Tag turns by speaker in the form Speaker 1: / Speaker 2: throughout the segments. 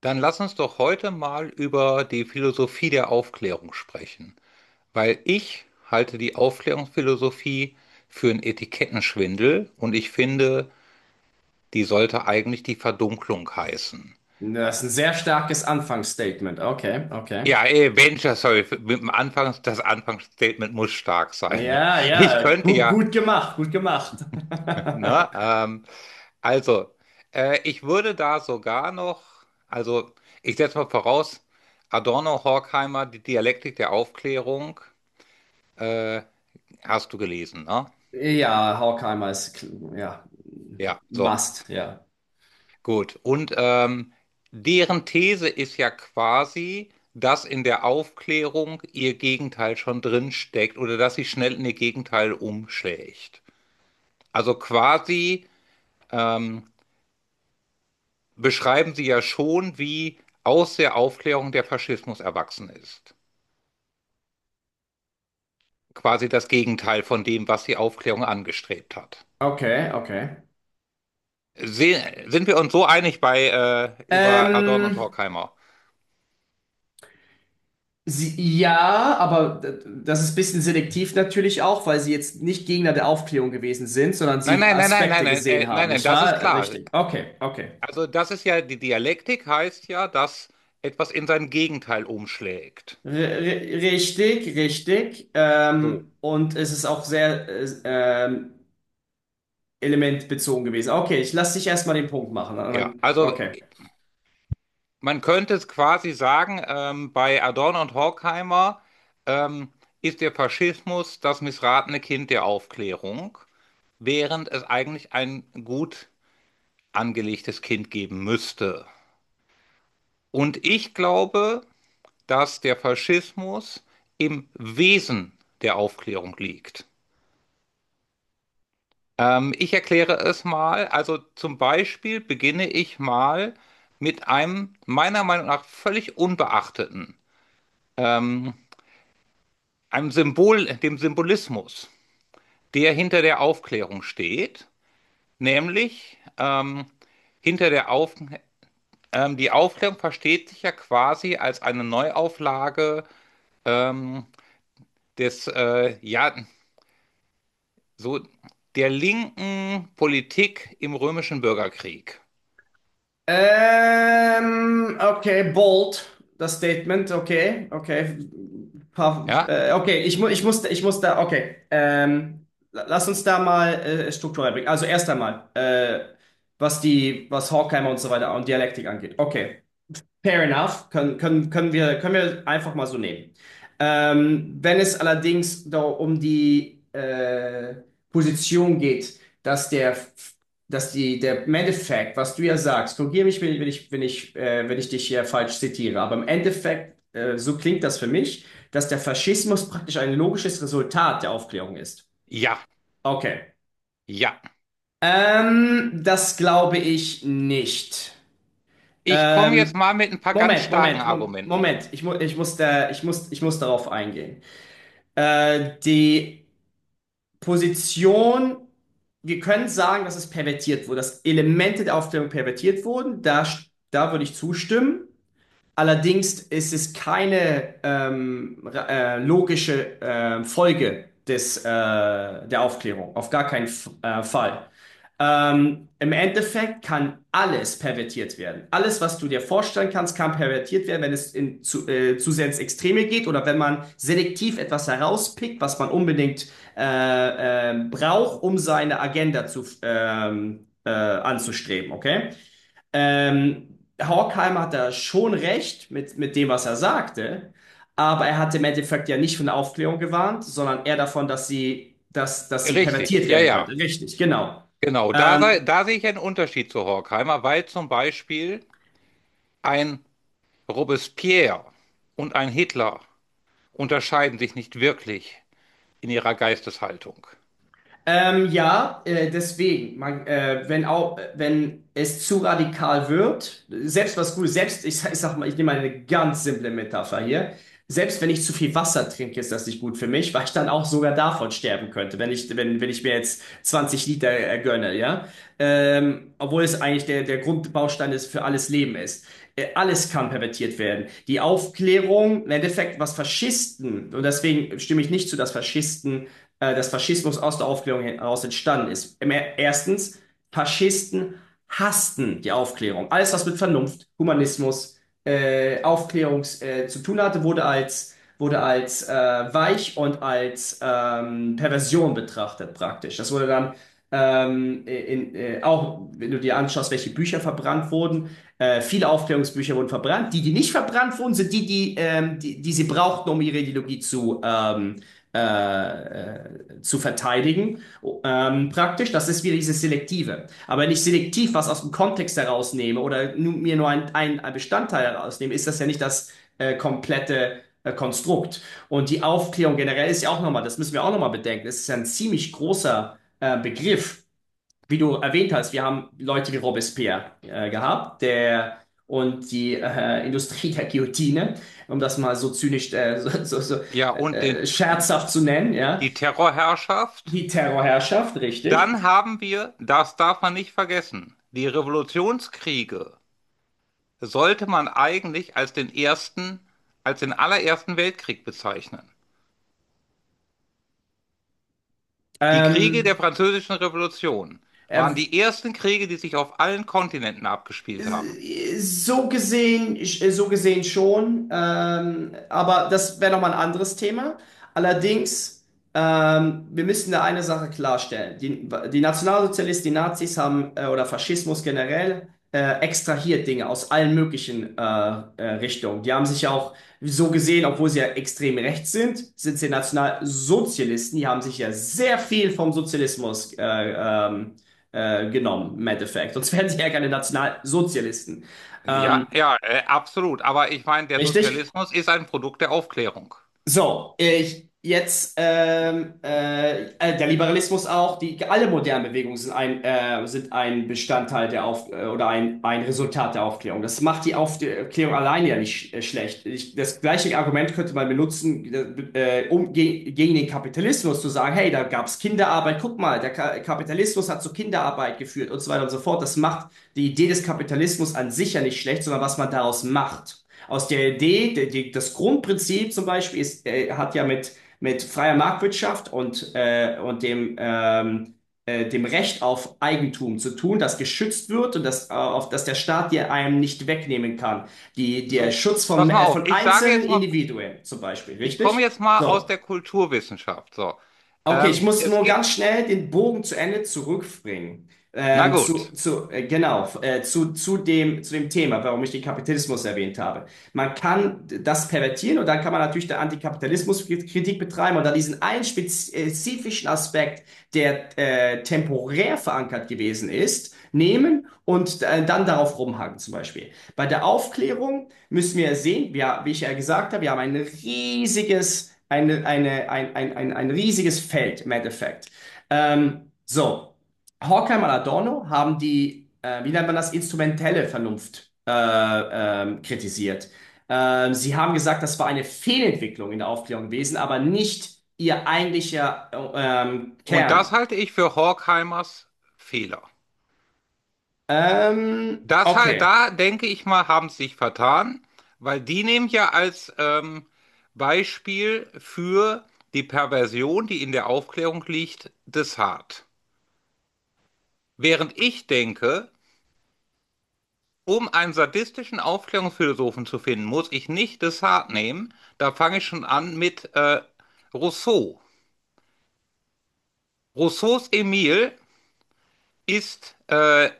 Speaker 1: Dann lass uns doch heute mal über die Philosophie der Aufklärung sprechen, weil ich halte die Aufklärungsphilosophie für einen Etikettenschwindel und ich finde, die sollte eigentlich die Verdunklung heißen.
Speaker 2: Das ist ein sehr starkes Anfangsstatement. Okay, okay.
Speaker 1: Ja, Mensch, das soll mit dem Anfangs, das Anfangsstatement muss stark sein.
Speaker 2: Ja,
Speaker 1: Ich
Speaker 2: ja,
Speaker 1: könnte
Speaker 2: gut,
Speaker 1: ja,
Speaker 2: gut gemacht, gut gemacht.
Speaker 1: ne, also, ich würde da sogar noch, also, ich setze mal voraus, Adorno, Horkheimer, die Dialektik der Aufklärung, äh, hast du gelesen, ne?
Speaker 2: Ja, Horkheimer ist, ja,
Speaker 1: Ja, so,
Speaker 2: must, ja.
Speaker 1: gut. Und deren These ist ja quasi, dass in der Aufklärung ihr Gegenteil schon drin steckt oder dass sie schnell in ihr Gegenteil umschlägt. Also quasi ähm, beschreiben sie ja schon, wie aus der Aufklärung der Faschismus erwachsen ist. Quasi das Gegenteil von dem, was die Aufklärung angestrebt hat.
Speaker 2: Okay, okay.
Speaker 1: Se sind wir uns so einig bei über Adorno und
Speaker 2: Ähm,
Speaker 1: Horkheimer?
Speaker 2: sie, ja, aber das ist ein bisschen selektiv natürlich auch, weil sie jetzt nicht Gegner der Aufklärung gewesen sind, sondern
Speaker 1: Nein,
Speaker 2: sie
Speaker 1: nein, nein, nein, nein,
Speaker 2: Aspekte
Speaker 1: nein,
Speaker 2: gesehen
Speaker 1: nein,
Speaker 2: haben,
Speaker 1: nein,
Speaker 2: nicht
Speaker 1: das ist
Speaker 2: wahr?
Speaker 1: klar.
Speaker 2: Richtig. Okay, okay.
Speaker 1: Also das ist ja, die Dialektik heißt ja, dass etwas in sein Gegenteil umschlägt.
Speaker 2: R r- richtig.
Speaker 1: So.
Speaker 2: Und es ist auch sehr, Element bezogen gewesen. Okay, ich lasse dich erstmal den Punkt machen.
Speaker 1: Ja, also
Speaker 2: Okay.
Speaker 1: man könnte es quasi sagen, bei Adorno und Horkheimer ähm, ist der Faschismus das missratene Kind der Aufklärung, während es eigentlich ein gut angelegtes Kind geben müsste. Und ich glaube, dass der Faschismus im Wesen der Aufklärung liegt. Ich erkläre es mal. Also zum Beispiel beginne ich mal mit einem meiner Meinung nach völlig unbeachteten, ähm, einem Symbol, dem Symbolismus, der hinter der Aufklärung steht. Nämlich hinter der Auf, die Aufklärung versteht sich ja quasi als eine Neuauflage ähm, des, ja, so der linken Politik im römischen Bürgerkrieg.
Speaker 2: Okay, bold, das Statement. Okay, okay.
Speaker 1: Ja,
Speaker 2: Okay, ich muss da, okay. Lass uns da mal Struktur reinbringen. Also erst einmal, was was Horkheimer und so weiter und Dialektik angeht. Okay. Fair enough, können wir einfach mal so nehmen. Wenn es allerdings da um die Position geht, dass die, der im Endeffekt, was du ja sagst, korrigiere mich, wenn ich dich hier falsch zitiere, aber im Endeffekt, so klingt das für mich, dass der Faschismus praktisch ein logisches Resultat der Aufklärung ist.
Speaker 1: ja,
Speaker 2: Okay.
Speaker 1: ja.
Speaker 2: Das glaube ich nicht.
Speaker 1: Ich komme jetzt
Speaker 2: Ähm,
Speaker 1: mal mit ein paar ganz
Speaker 2: Moment,
Speaker 1: starken Argumenten.
Speaker 2: Moment. Ich, mu ich muss da, ich muss, Ich muss darauf eingehen. Die Position, wir können sagen, dass es pervertiert wurde, dass Elemente der Aufklärung pervertiert wurden. Da würde ich zustimmen. Allerdings ist es keine logische Folge der Aufklärung, auf gar keinen F Fall. Im Endeffekt kann alles pervertiert werden. Alles, was du dir vorstellen kannst, kann pervertiert werden, wenn es in zu sehr ins Extreme geht oder wenn man selektiv etwas herauspickt, was man unbedingt braucht, um seine Agenda anzustreben, okay? Horkheimer hat da schon recht mit dem, was er sagte, aber er hat im Endeffekt ja nicht von der Aufklärung gewarnt, sondern eher davon, dass sie
Speaker 1: Richtig,
Speaker 2: pervertiert
Speaker 1: ja,
Speaker 2: werden könnte.
Speaker 1: ja,
Speaker 2: Richtig, genau.
Speaker 1: genau. Da, sei,
Speaker 2: Ähm,
Speaker 1: da sehe ich einen Unterschied zu Horkheimer, weil zum Beispiel ein Robespierre und ein Hitler unterscheiden sich nicht wirklich in ihrer Geisteshaltung.
Speaker 2: Ja, deswegen, wenn auch, wenn es zu radikal wird, selbst was gut, selbst, ich sag mal, ich nehme mal eine ganz simple Metapher hier, selbst wenn ich zu viel Wasser trinke, ist das nicht gut für mich, weil ich dann auch sogar davon sterben könnte, wenn ich mir jetzt 20 Liter gönne, ja, obwohl es eigentlich der Grundbaustein ist für alles Leben ist. Alles kann pervertiert werden. Die Aufklärung, im Endeffekt, was Faschisten, und deswegen stimme ich nicht zu, dass Faschisten dass Faschismus aus der Aufklärung heraus entstanden ist. Erstens, Faschisten hassten die Aufklärung. Alles, was mit Vernunft, Humanismus, Aufklärung zu tun hatte, wurde als weich und als Perversion betrachtet praktisch. Das wurde dann auch, wenn du dir anschaust, welche Bücher verbrannt wurden, viele Aufklärungsbücher wurden verbrannt. Die, die nicht verbrannt wurden, sind die, sie brauchten, um ihre Ideologie äh, zu verteidigen, praktisch. Das ist wieder dieses Selektive. Aber wenn ich selektiv was aus dem Kontext herausnehme oder mir nur ein Bestandteil herausnehme, ist das ja nicht das komplette Konstrukt. Und die Aufklärung generell ist ja auch nochmal, das müssen wir auch nochmal bedenken, es ist ja ein ziemlich großer Begriff wie du erwähnt hast, wir haben Leute wie Robespierre gehabt, der und die Industrie der Guillotine, um das mal so zynisch, so
Speaker 1: Ja, und den,
Speaker 2: scherzhaft zu nennen, ja,
Speaker 1: die Terrorherrschaft,
Speaker 2: die Terrorherrschaft, richtig.
Speaker 1: dann haben wir, das darf man nicht vergessen, die Revolutionskriege sollte man eigentlich als den ersten, als den allerersten Weltkrieg bezeichnen. Die Kriege der
Speaker 2: Ähm,
Speaker 1: Französischen Revolution waren
Speaker 2: er,
Speaker 1: die ersten Kriege, die sich auf allen Kontinenten abgespielt haben.
Speaker 2: So gesehen schon, aber das wäre nochmal ein anderes Thema. Allerdings, wir müssen da eine Sache klarstellen. Die Nationalsozialisten, die Nazis haben, oder Faschismus generell, extrahiert Dinge aus allen möglichen Richtungen. Die haben sich ja auch so gesehen, obwohl sie ja extrem rechts sind, sind sie Nationalsozialisten. Die haben sich ja sehr viel vom Sozialismus genommen, im Endeffekt. Sonst wären sie ja keine Nationalsozialisten. Ähm,
Speaker 1: Ja, ja, absolut. Aber ich meine, der
Speaker 2: richtig?
Speaker 1: Sozialismus ist ein Produkt der Aufklärung.
Speaker 2: So, ich, jetzt der Liberalismus auch, die alle modernen Bewegungen sind sind ein Bestandteil der Auf oder ein Resultat der Aufklärung. Das macht die Aufklärung alleine ja nicht schlecht. Das gleiche Argument könnte man benutzen, um ge gegen den Kapitalismus zu sagen, hey, da gab's Kinderarbeit, guck mal, der Ka Kapitalismus hat zu Kinderarbeit geführt und so weiter und so fort. Das macht die Idee des Kapitalismus an sich ja nicht schlecht, sondern was man daraus macht. Aus der Idee, das Grundprinzip zum Beispiel ist, hat ja mit freier Marktwirtschaft und, dem Recht auf Eigentum zu tun, das geschützt wird und das, auf das der Staat dir einem nicht wegnehmen kann. Der
Speaker 1: So,
Speaker 2: Schutz
Speaker 1: pass mal auf.
Speaker 2: von
Speaker 1: Ich sage
Speaker 2: einzelnen
Speaker 1: jetzt mal,
Speaker 2: Individuen zum Beispiel,
Speaker 1: ich komme
Speaker 2: richtig?
Speaker 1: jetzt mal aus
Speaker 2: So,
Speaker 1: der Kulturwissenschaft. So,
Speaker 2: okay, ich muss
Speaker 1: es
Speaker 2: nur
Speaker 1: gibt,
Speaker 2: ganz schnell den Bogen zu Ende zurückbringen.
Speaker 1: na gut.
Speaker 2: Zu dem Thema, warum ich den Kapitalismus erwähnt habe. Man kann das pervertieren und dann kann man natürlich der Antikapitalismuskritik betreiben und dann diesen einen spezifischen Aspekt, der temporär verankert gewesen ist, nehmen und dann darauf rumhaken zum Beispiel. Bei der Aufklärung müssen wir sehen, wir, wie ich ja gesagt habe, wir haben ein riesiges, eine, ein riesiges Feld im Endeffekt. Ähm, so, Horkheimer und Adorno haben die, wie nennt man das, instrumentelle Vernunft kritisiert. Sie haben gesagt, das war eine Fehlentwicklung in der Aufklärung gewesen, aber nicht ihr eigentlicher
Speaker 1: Und das
Speaker 2: Kern.
Speaker 1: halte ich für Horkheimers Fehler.
Speaker 2: Ähm,
Speaker 1: Das halt,
Speaker 2: okay,
Speaker 1: da denke ich mal, haben sie sich vertan, weil die nehmen ja als Beispiel für die Perversion, die in der Aufklärung liegt, Descartes. Während ich denke, um einen sadistischen Aufklärungsphilosophen zu finden, muss ich nicht Descartes nehmen. Da fange ich schon an mit Rousseau. Rousseaus Emile ist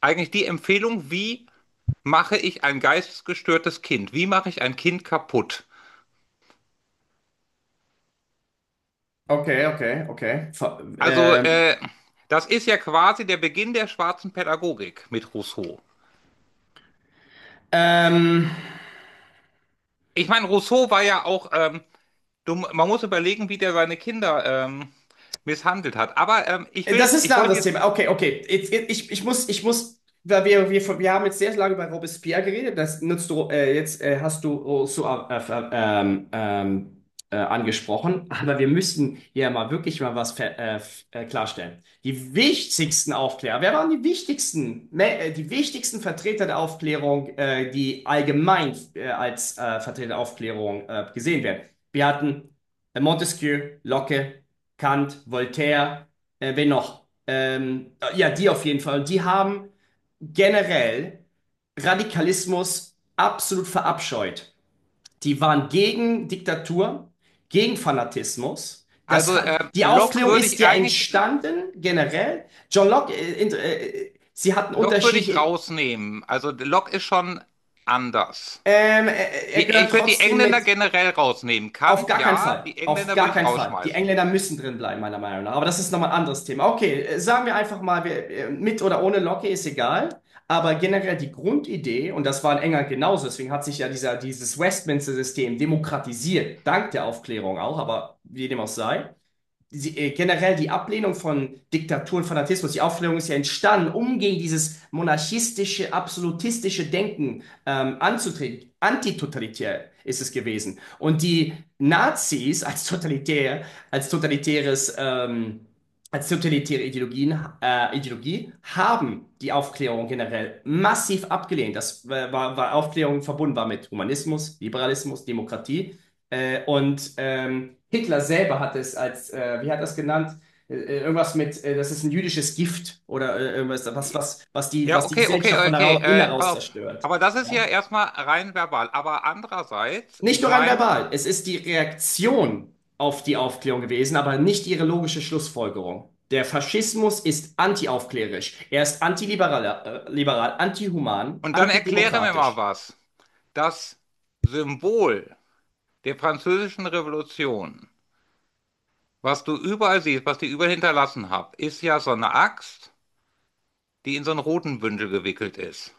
Speaker 1: eigentlich die Empfehlung, wie mache ich ein geistesgestörtes Kind? Wie mache ich ein Kind kaputt?
Speaker 2: okay.
Speaker 1: Also, äh, Das ist ja quasi der Beginn der schwarzen Pädagogik mit Rousseau.
Speaker 2: Ähm,
Speaker 1: Ich meine, Rousseau war ja auch, dumm, man muss überlegen, wie der seine Kinder misshandelt hat. Aber ich
Speaker 2: Das
Speaker 1: will,
Speaker 2: ist
Speaker 1: ich
Speaker 2: ein
Speaker 1: wollte
Speaker 2: anderes
Speaker 1: jetzt,
Speaker 2: Thema. Okay, okay. Ich muss, weil wir haben jetzt sehr lange über Robespierre geredet. Das nutzt du, jetzt hast du Rousseau angesprochen. Aber wir müssen hier mal wirklich mal was klarstellen. Die wichtigsten Aufklärer, wer waren die wichtigsten, die wichtigsten Vertreter der Aufklärung, die allgemein als Vertreter der Aufklärung gesehen werden? Wir hatten Montesquieu, Locke, Kant, Voltaire. Wen noch? Ja, die auf jeden Fall. Und die haben generell Radikalismus absolut verabscheut. Die waren gegen Diktatur, gegen Fanatismus. Das
Speaker 1: also
Speaker 2: hat, die
Speaker 1: Locke
Speaker 2: Aufklärung
Speaker 1: würde
Speaker 2: ist
Speaker 1: ich
Speaker 2: ja
Speaker 1: eigentlich,
Speaker 2: entstanden, generell. John Locke, sie hatten
Speaker 1: Locke würde ich
Speaker 2: unterschiedliche.
Speaker 1: rausnehmen. Also Locke ist schon anders.
Speaker 2: Er
Speaker 1: Die,
Speaker 2: gehört
Speaker 1: ich würde die
Speaker 2: trotzdem
Speaker 1: Engländer
Speaker 2: mit.
Speaker 1: generell rausnehmen.
Speaker 2: Auf
Speaker 1: Kant,
Speaker 2: gar keinen
Speaker 1: ja,
Speaker 2: Fall.
Speaker 1: die
Speaker 2: Auf
Speaker 1: Engländer würde
Speaker 2: gar
Speaker 1: ich
Speaker 2: keinen Fall. Die
Speaker 1: rausschmeißen.
Speaker 2: Engländer müssen drin bleiben, meiner Meinung nach. Aber das ist nochmal ein anderes Thema. Okay, sagen wir einfach mal, mit oder ohne Locke ist egal. Aber generell die Grundidee, und das war in England genauso, deswegen hat sich ja dieses Westminster-System demokratisiert, dank der Aufklärung auch, aber wie dem auch sei generell die Ablehnung von Diktatur und Fanatismus, die Aufklärung ist ja entstanden, um gegen dieses monarchistische, absolutistische Denken anzutreten. Antitotalitär ist es gewesen. Und die Nazis als totalitär, als totalitäres, ähm, als totalitäre Ideologie haben die Aufklärung generell massiv abgelehnt. Das war Aufklärung verbunden war mit Humanismus, Liberalismus, Demokratie. Hitler selber hat es als, wie hat er es genannt? Irgendwas das ist ein jüdisches Gift oder irgendwas, was
Speaker 1: Ja,
Speaker 2: was die
Speaker 1: okay, okay,
Speaker 2: Gesellschaft von
Speaker 1: okay.
Speaker 2: innen heraus
Speaker 1: Pass auf.
Speaker 2: zerstört.
Speaker 1: Aber das ist
Speaker 2: Ja.
Speaker 1: ja erstmal rein verbal. Aber andererseits,
Speaker 2: Nicht
Speaker 1: ich
Speaker 2: nur rein
Speaker 1: meine,
Speaker 2: verbal, es ist die Reaktion auf die Aufklärung gewesen, aber nicht ihre logische Schlussfolgerung. Der Faschismus ist antiaufklärisch. Er ist antiliberal, liberal, antihuman,
Speaker 1: und dann erkläre mir mal
Speaker 2: antidemokratisch.
Speaker 1: was. Das Symbol der Französischen Revolution, was du überall siehst, was die überall hinterlassen haben, ist ja so eine Axt, die in so einen roten Bündel gewickelt ist.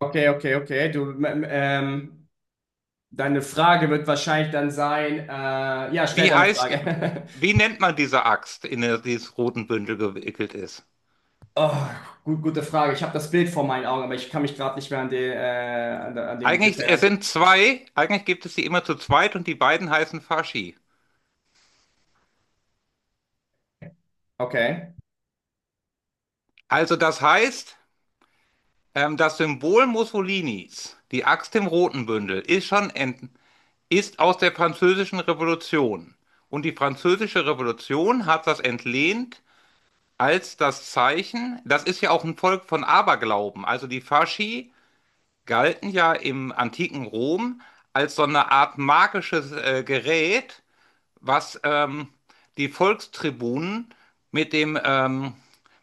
Speaker 2: Okay, okay, okay. Ähm, Deine Frage wird wahrscheinlich dann sein, ja, stell
Speaker 1: Wie
Speaker 2: deine
Speaker 1: heißt,
Speaker 2: Frage.
Speaker 1: wie nennt man diese Axt, in der dieses roten Bündel gewickelt ist?
Speaker 2: Oh, gut, gute Frage. Ich habe das Bild vor meinen Augen, aber ich kann mich gerade nicht mehr an, an den Begriff
Speaker 1: Eigentlich, es
Speaker 2: erinnern.
Speaker 1: sind zwei, eigentlich gibt es sie immer zu zweit und die beiden heißen Faschi.
Speaker 2: Okay.
Speaker 1: Also das heißt. Das Symbol Mussolinis, die Axt im roten Bündel, ist schon ent ist aus der Französischen Revolution. Und die Französische Revolution hat das entlehnt als das Zeichen, das ist ja auch ein Volk von Aberglauben. Also die Fasci galten ja im antiken Rom als so eine Art magisches Gerät, was die Volkstribunen mit dem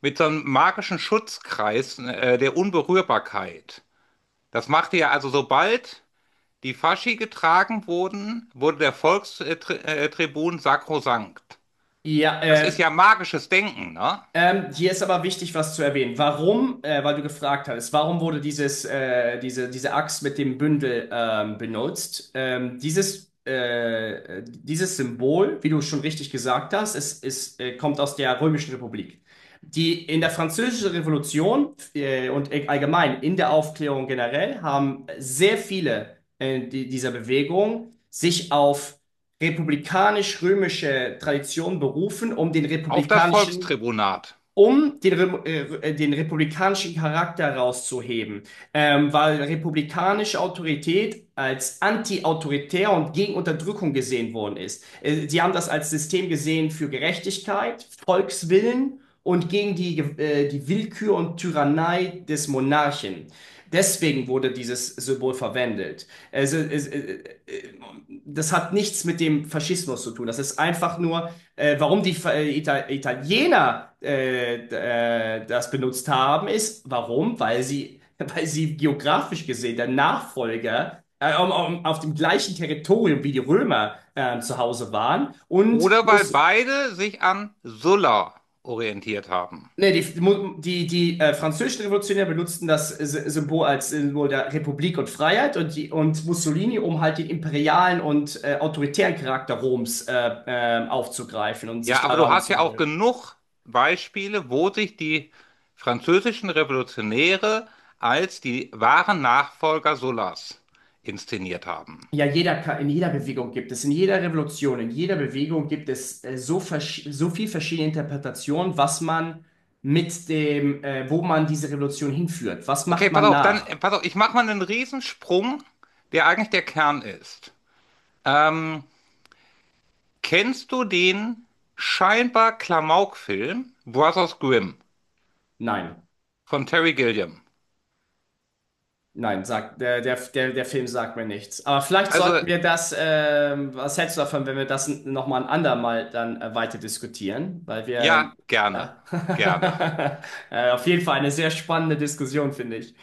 Speaker 1: mit so einem magischen Schutzkreis der Unberührbarkeit das machte ja also sobald die Faschi getragen wurden, wurde der Volkstribun sakrosankt.
Speaker 2: Ja,
Speaker 1: Das ist
Speaker 2: äh,
Speaker 1: ja magisches Denken, ne?
Speaker 2: Hier ist aber wichtig, was zu erwähnen. Warum, weil du gefragt hattest, warum wurde diese Axt mit dem Bündel benutzt? Dieses Symbol, wie du schon richtig gesagt hast, es kommt aus der Römischen Republik. Die in der Französischen Revolution und allgemein in der Aufklärung generell haben sehr viele dieser Bewegung sich auf republikanisch-römische Tradition berufen, um den
Speaker 1: Auf das
Speaker 2: republikanischen
Speaker 1: Volkstribunat.
Speaker 2: um den, den republikanischen Charakter rauszuheben weil republikanische Autorität als anti-autoritär und gegen Unterdrückung gesehen worden ist. Sie haben das als System gesehen für Gerechtigkeit, Volkswillen und gegen die Willkür und Tyrannei des Monarchen. Deswegen wurde dieses Symbol verwendet. Also, äh, äh, äh, das hat nichts mit dem Faschismus zu tun. Das ist einfach nur, warum die Italiener das benutzt haben, ist, warum? Weil sie weil sie geografisch gesehen der Nachfolger auf dem gleichen Territorium wie die Römer zu Hause waren und
Speaker 1: Oder weil
Speaker 2: muss
Speaker 1: beide sich an Sulla orientiert haben.
Speaker 2: die französischen Revolutionäre benutzten das Symbol als Symbol der Republik und Freiheit und, die, und Mussolini, um halt den imperialen und autoritären Charakter Roms aufzugreifen und sich
Speaker 1: Ja, aber du
Speaker 2: daran
Speaker 1: hast ja
Speaker 2: zu
Speaker 1: auch genug Beispiele, wo sich die französischen Revolutionäre als die wahren Nachfolger Sullas inszeniert haben.
Speaker 2: Ja, jeder, in jeder Bewegung gibt es, in jeder Revolution, in jeder Bewegung gibt es so viel verschiedene Interpretationen, was man mit wo man diese Revolution hinführt. Was macht man nach?
Speaker 1: Pass auf, ich mache mal einen Riesensprung, der eigentlich der Kern ist. Ähm, kennst du den scheinbar Klamauk-Film Brothers Grimm
Speaker 2: Nein,
Speaker 1: von Terry Gilliam?
Speaker 2: nein, sagt der Film sagt mir nichts. Aber vielleicht sollten
Speaker 1: Also,
Speaker 2: wir das, was hältst du davon, wenn wir das nochmal ein andermal dann weiter diskutieren? Weil wir,
Speaker 1: ja, gerne,
Speaker 2: ja,
Speaker 1: gerne.
Speaker 2: auf jeden Fall eine sehr spannende Diskussion, finde ich.